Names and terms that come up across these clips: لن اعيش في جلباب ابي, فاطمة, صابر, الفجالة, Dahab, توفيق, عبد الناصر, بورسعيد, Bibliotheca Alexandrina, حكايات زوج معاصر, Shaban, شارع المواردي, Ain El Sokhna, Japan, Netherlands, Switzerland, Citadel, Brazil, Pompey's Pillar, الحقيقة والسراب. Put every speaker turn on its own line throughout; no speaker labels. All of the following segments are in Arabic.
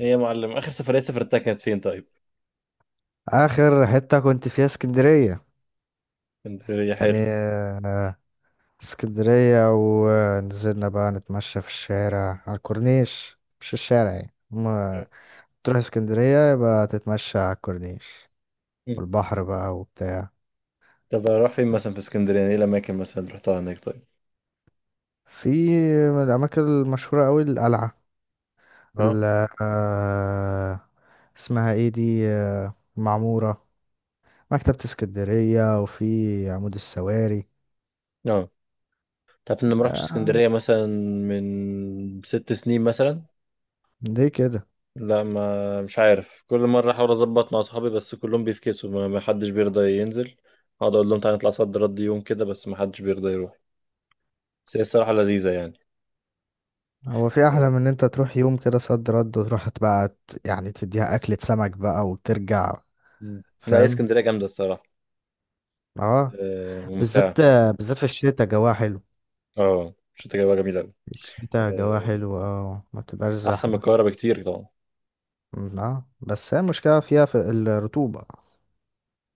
ايه يا معلم، اخر سفريه سافرتها كانت فين طيب؟
اخر حتة كنت فيها اسكندرية.
اسكندريه،
يعني
حلو.
آه، اسكندرية، ونزلنا بقى نتمشى في الشارع على الكورنيش، مش الشارع يعني. ما تروح اسكندرية يبقى تتمشى على الكورنيش
مم.
والبحر بقى وبتاع.
طب اروح فين مثلا في اسكندريه؟ يعني ايه الاماكن مثلا اللي رحتها هناك طيب؟
في من الأماكن المشهورة أوي القلعة،
اه،
ال آه، اسمها ايه دي، معمورة، مكتبة اسكندرية، وفي عمود السواري.
اه، تعرف اني ما رحتش
آه،
اسكندريه مثلا من 6 سنين مثلا.
دي كده.
لا، ما مش عارف، كل مره احاول اظبط مع اصحابي بس كلهم بيفكسوا، ما حدش بيرضى ينزل. اقعد اقول لهم تعالى نطلع صد رد يوم كده، بس ما حدش بيرضى يروح. بس هي الصراحه لذيذه يعني.
هو في احلى
آه.
من ان انت تروح يوم كده صد رد، وتروح بقى يعني تديها اكلة سمك بقى وترجع.
مم. لا، هي
فاهم.
اسكندريه جامده الصراحه.
اه،
آه، ممتعه.
بالذات بالذات في الشتاء جواها حلو.
اه، مش تجربه جميله أوي.
في الشتاء جواها
آه،
حلو، اه ما بتبقاش
احسن من
زحمة.
القاهره بكتير طبعا.
اه، بس هي المشكلة فيها في الرطوبة.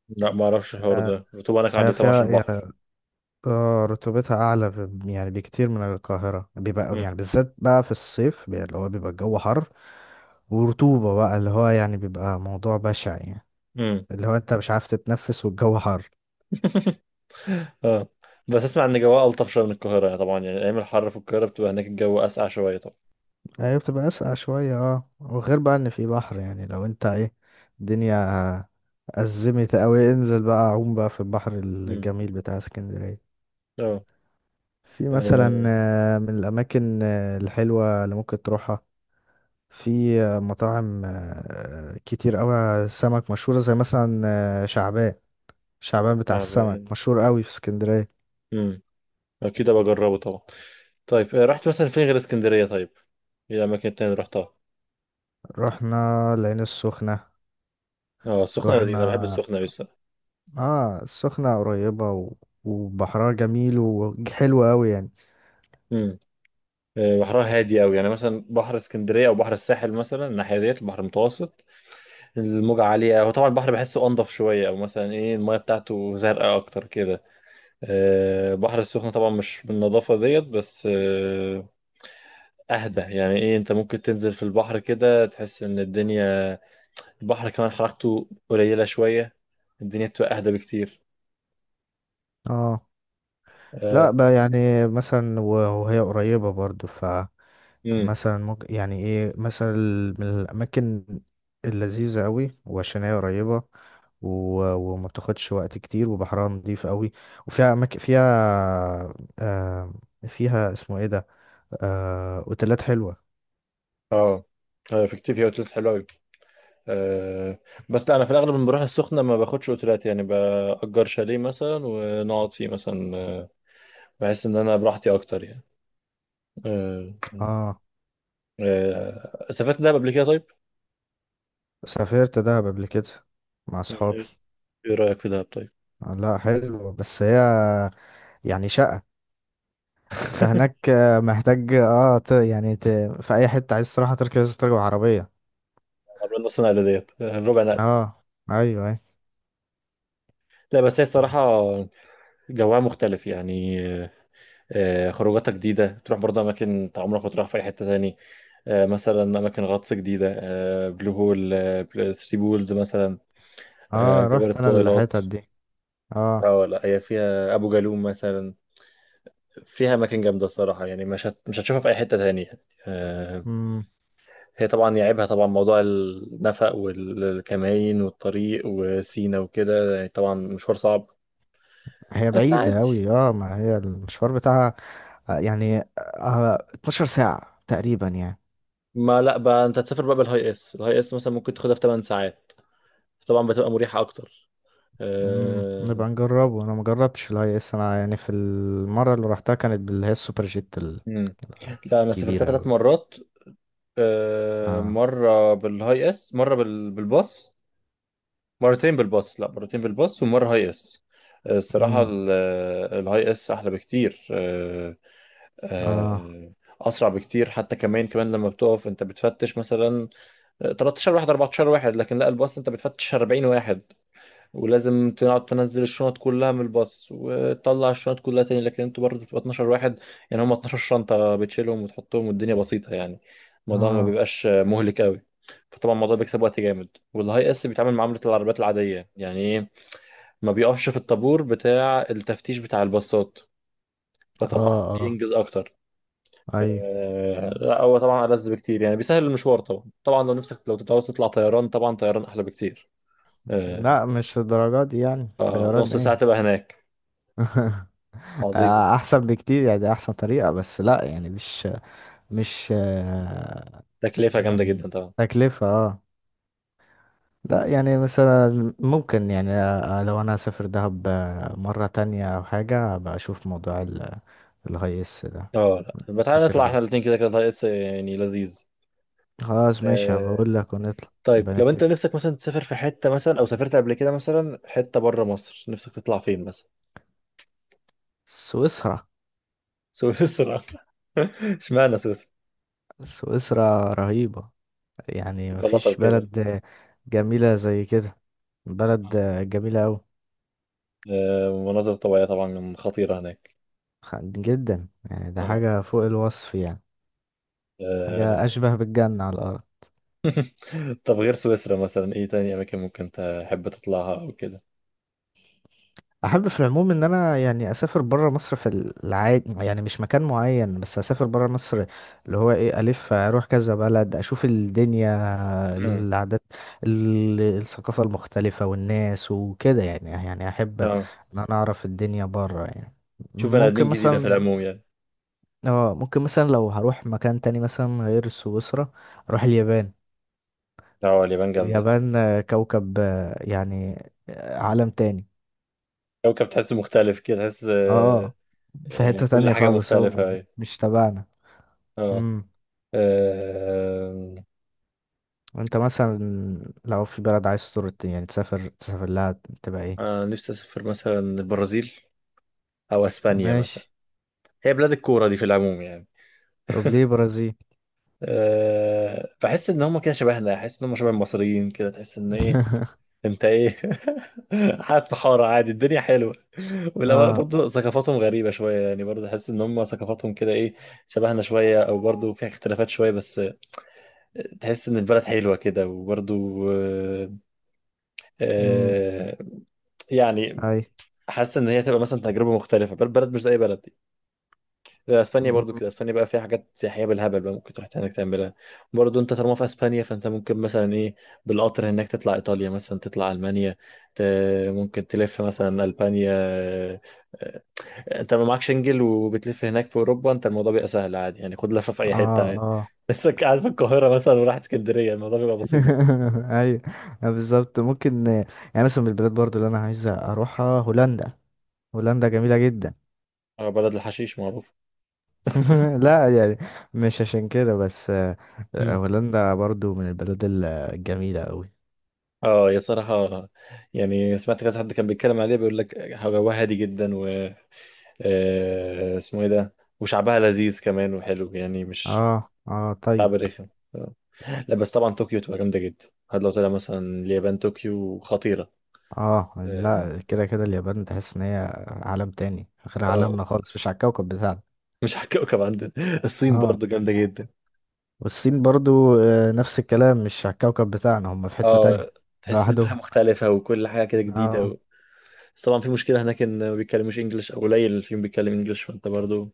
لا ما اعرفش الحوار
آه،
ده، رطوبة هناك عالية
هي
طبعا
فيها
عشان البحر.
يعني اه رطوبتها اعلى يعني بكتير من القاهرة، بيبقى يعني
امم.
بالذات بقى في الصيف، اللي هو بيبقى الجو حر ورطوبة بقى، اللي هو يعني بيبقى موضوع بشع يعني،
امم.
اللي هو انت مش عارف تتنفس والجو حر.
اه، بس اسمع ان جوها الطف شويه من القاهره، يعني طبعا، يعني ايام الحر في القاهره بتبقى هناك الجو اسقع شويه طبعا.
هي بتبقى أسقع شوية، اه، وغير بقى ان في بحر. يعني لو انت ايه الدنيا أزمت أوي، انزل بقى عوم بقى في البحر
امم.
الجميل بتاع اسكندرية.
اه.
في مثلا
آه،
من الأماكن الحلوة اللي ممكن تروحها، في مطاعم كتير أوي سمك مشهورة، زي مثلا آه، شعبان شعبان بتاع السمك
تعبان.
مشهور أوي في اسكندرية.
امم. اكيد ابقى اجربه طبعا. طيب، رحت مثلا فين غير اسكندريه طيب؟ ايه الاماكن التانية اللي رحتها؟
رحنا العين السخنة.
اه، السخنه لذيذه، انا بحب
رحنا
السخنه أوي الصراحه.
اه السخنة قريبة، وبحرها جميل وحلو قوي يعني.
امم. آه، بحرها هادي قوي. يعني مثلا بحر اسكندريه او بحر الساحل مثلا، الناحيه ديت البحر المتوسط، الموجة عالية. هو طبعا البحر بحسه أنضف شوية، أو مثلا إيه، المياه بتاعته زرقاء أكتر كده. آه، البحر السخن طبعا مش بالنظافة ديت، بس أهدى يعني. إيه، أنت ممكن تنزل في البحر كده، تحس إن الدنيا، البحر كمان حركته قليلة شوية، الدنيا بتبقى أهدى بكتير.
اه،
آه.
لا بقى يعني مثلا، وهي قريبة برضو،
امم.
مثلا ممكن يعني ايه، مثلا من الاماكن اللذيذة قوي، وعشان هي قريبة و... وما بتاخدش وقت كتير، وبحرها نضيف قوي، وفيها اماكن فيها آه... فيها اسمه ايه ده، اوتيلات حلوة.
اه. آه، في كتير فيها اوتيلات حلوه قوي. آه، بس لا، انا في الاغلب لما بروح السخنه ما باخدش اوتيلات، يعني باجر شاليه مثلا ونقعد فيه مثلا، بحس ان انا براحتي اكتر يعني. آه.
اه،
آه، سافرت دهب قبل كده طيب؟
سافرت دهب قبل كده مع
مم.
اصحابي.
إيه رأيك في دهب طيب؟
لا، حلو، بس هي يعني شقة انت هناك، محتاج يعني في اي حتة عايز تروح تركز تركب عربية.
عملنا نص نقلة ديت، ربع نقل.
اه، ايوه، ايوه.
لا، بس هي الصراحة جوها مختلف يعني. خروجاتها جديدة، تروح برضه أماكن أنت عمرك ما تروح في أي حتة تاني. مثلا أماكن غطس جديدة، بلو هول، ثري بولز مثلا،
اه،
جبل
رحت انا
الطويلات.
الحتت دي. اه،
اه لا، هي فيها أبو جالوم مثلا، فيها أماكن جامدة الصراحة يعني. مش هتشوفها في أي حتة تانية يعني. آه.
امم
هي طبعا يعيبها طبعا موضوع النفق والكمائن والطريق وسينا وكده، يعني طبعا مشوار صعب،
هي
بس
بعيدة
عادي.
اوي. اه، ما هي المشوار بتاعها، يعني 12 ساعة تقريبا يعني.
ما لا بقى انت تسافر بقى بالهاي اس، الهاي اس مثلا ممكن تاخدها في 8 ساعات، طبعا بتبقى مريحة اكتر. أه...
نبقى نجربه. انا مجربتش الاي اس، انا يعني في المرة اللي روحتها كانت باللي هي السوبر جيت
مم. لا انا سافرتها
الكبيرة
ثلاث
اوي.
مرات أه...
اه،
مرة بالهاي اس، مرة بالباص. مرتين بالباص، لا مرتين بالباص ومرة هاي اس. الصراحة
امم
الهاي اس احلى بكتير. آه.
اه،
آه، اسرع بكتير حتى. كمان كمان لما بتقف انت بتفتش مثلا 13 واحد، 14 واحد، لكن لا الباص انت بتفتش 40 واحد، ولازم تقعد تنزل الشنط كلها من الباص وتطلع الشنط كلها تاني. لكن انتوا برضه بتبقى 12 واحد، يعني هم 12 شنطة بتشيلهم وتحطهم، والدنيا بسيطة يعني، الموضوع ما
اه،
بيبقاش مهلك قوي. فطبعا الموضوع بيكسب وقت جامد، والهاي اس بيتعامل معاملة العربيات العادية، يعني ايه، ما بيقفش في الطابور بتاع التفتيش بتاع الباصات،
اه،
فطبعا
اه،
بينجز اكتر.
ايوه.
آه، لا هو طبعا ألذ بكتير يعني، بيسهل المشوار طبعا. طبعا لو نفسك، لو تتعوز تطلع طيران، طبعا طيران أحلى بكتير. آه،
لا، مش الدرجات دي، يعني طيران
فنص ساعة
ايه.
تبقى هناك. عظيم.
احسن بكتير، يعني احسن طريقة، بس لا يعني مش
تكلفة جامدة
يعني
جدا طبعا.
تكلفة اه. لا يعني مثلا ممكن يعني لو انا اسافر دهب مرة تانية او حاجة، ابقى اشوف موضوع الهيس ده
اه لا، ما تعالى
اسافر
نطلع احنا
بيه.
الاتنين، كده كده طريق يعني لذيذ.
خلاص، ماشي،
آه،
هبقول لك ونطلع،
طيب
نبقى
لو انت
نتفق.
نفسك مثلا تسافر في حتة مثلا، او سافرت قبل كده مثلا حتة بره مصر، نفسك تطلع فين مثلا؟
سويسرا.
سويسرا. اشمعنى سويسرا؟
سويسرا رهيبة، يعني
قلطة
مفيش
وكده.
بلد جميلة زي كده، بلد جميلة أوي.
آه، مناظر طبيعية طبعا خطيرة هناك.
جدا، يعني ده
آه.
حاجة فوق الوصف يعني، حاجة
آه،
أشبه بالجنة على الأرض.
طب غير سويسرا مثلا ايه تاني اماكن ممكن تحب تطلعها او كده؟
أحب في العموم إن أنا يعني أسافر برا مصر في العادي، يعني مش مكان معين، بس أسافر برا مصر، اللي هو إيه ألف أروح كذا بلد، أشوف الدنيا،
امم.
العادات، الثقافة المختلفة، والناس وكده يعني أحب
اه،
إن أنا أعرف الدنيا برا يعني.
تشوف بني
ممكن
ادمين جديده في
مثلا.
العموم يعني.
لو هروح مكان تاني مثلا غير سويسرا، اروح اليابان.
اه، اليابان جامده.
اليابان كوكب، يعني
مم.
عالم تاني.
كوكب. تحس مختلف كده، تحس
اه، آه، في حتة
كل
تانية
حاجه
خالص، هو
مختلفه، أيوة.
مش تبعنا.
اه.
امم
آه،
وانت مثلا لو في بلد عايز تزور، يعني تسافر لها، تبقى ايه؟
نفسي اسافر مثلا البرازيل، او اسبانيا مثلا.
ماشي.
هي بلاد الكوره دي في العموم يعني.
طب ليه برازيل؟
أه، بحس ان هم كده شبهنا، احس ان هم شبه المصريين كده، تحس ان ايه، انت ايه، قاعد في حارة عادي الدنيا حلوة. ولا
اه،
برضه ثقافاتهم غريبة شوية، يعني برضه تحس ان هم ثقافاتهم كده ايه، شبهنا شوية، او برضه فيها اختلافات شوية، بس تحس ان البلد حلوة كده. وبرضه، آه،
امم
آه، يعني
اي،
حاسس ان هي تبقى مثلا تجربة مختلفة، بلد مش زي بلد. اسبانيا برضو
مم.
كده، اسبانيا بقى فيها حاجات سياحيه بالهبل بقى، ممكن تروح هناك تعملها. برضو انت طالما في اسبانيا، فانت ممكن مثلا ايه، بالقطر هناك تطلع ايطاليا مثلا، تطلع المانيا، ت... ممكن تلف مثلا البانيا. آه، انت ما معكش انجل وبتلف هناك في اوروبا، انت الموضوع بيبقى سهل عادي يعني، خد لفه في اي حته
اه،
عادي.
اه،
بس قاعد في القاهره مثلا وراح اسكندريه، الموضوع بيبقى بسيط.
ايوه، بالظبط، ممكن. يعني مثلا من البلاد برضو اللي انا عايز اروحها هولندا. هولندا جميلة جدا.
اه، بلد الحشيش معروف.
لا يعني مش عشان كده، بس
مم.
هولندا برضو من البلاد الجميلة أوي.
اه يا صراحة، يعني سمعت كذا حد كان بيتكلم عليه بيقول لك هواها هادي جدا، اسمه ايه ده، وشعبها لذيذ كمان وحلو يعني، مش
اه، اه،
شعب
طيب.
رخم. آه. لا بس طبعا طوكيو تبقى جامدة جدا. هاد لو طلع مثلا اليابان، طوكيو خطيرة.
اه،
اه.
لا، كده كده اليابان تحس ان هي عالم تاني غير
آه،
عالمنا خالص، مش على الكوكب بتاعنا.
مش على الكوكب عندنا. الصين
اه،
برضو جامدة جدا.
والصين برضو نفس الكلام، مش على الكوكب بتاعنا، هم في حتة
اه.
تانية
تحس ان كل حاجة
لوحدهم.
مختلفة، وكل حاجة كده جديدة
اه.
و... بس طبعا في مشكلة هناك ان ما بيتكلموش انجلش، او قليل اللي فيهم بيتكلم انجلش، فانت برضو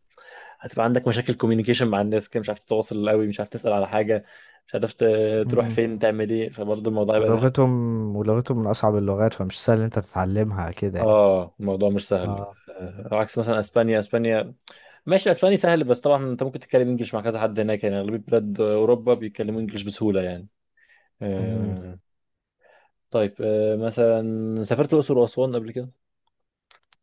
هتبقى عندك مشاكل كوميونيكيشن مع الناس كده، مش عارف تتواصل قوي، مش عارف تسأل على حاجة، مش عارف تروح
مم.
فين تعمل ايه، فبرضو الموضوع هيبقى.
ولغتهم ولغتهم من أصعب اللغات، فمش سهل إن انت تتعلمها كده يعني.
اه، الموضوع مش سهل.
اه.
آه، عكس مثلا اسبانيا. اسبانيا ماشي، الاسباني سهل. بس طبعا انت ممكن تتكلم انجلش مع كذا حد هناك يعني، اغلبيه بلاد اوروبا بيتكلموا انجلش بسهوله يعني.
مم.
آه. طيب، مثلا سافرت الاقصر واسوان قبل كده؟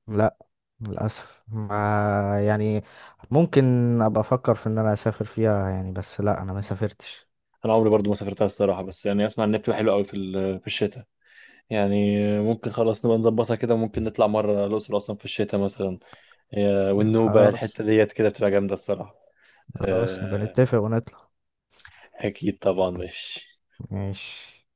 لا، للأسف، ما يعني ممكن أبقى أفكر في إن أنا أسافر فيها يعني، بس لا، أنا ما سافرتش.
انا عمري برضو ما سافرتها الصراحه، بس يعني اسمع ان بتبقى حلوه قوي في في الشتاء. يعني ممكن خلاص نبقى نظبطها كده، وممكن نطلع مره الاقصر واسوان في الشتاء مثلا. آه، والنوبه
خلاص،
الحته ديت كده بتبقى جامده الصراحه.
خلاص نبقى
آه.
نتفق ونطلع.
اكيد طبعا، ماشي.
ماشي.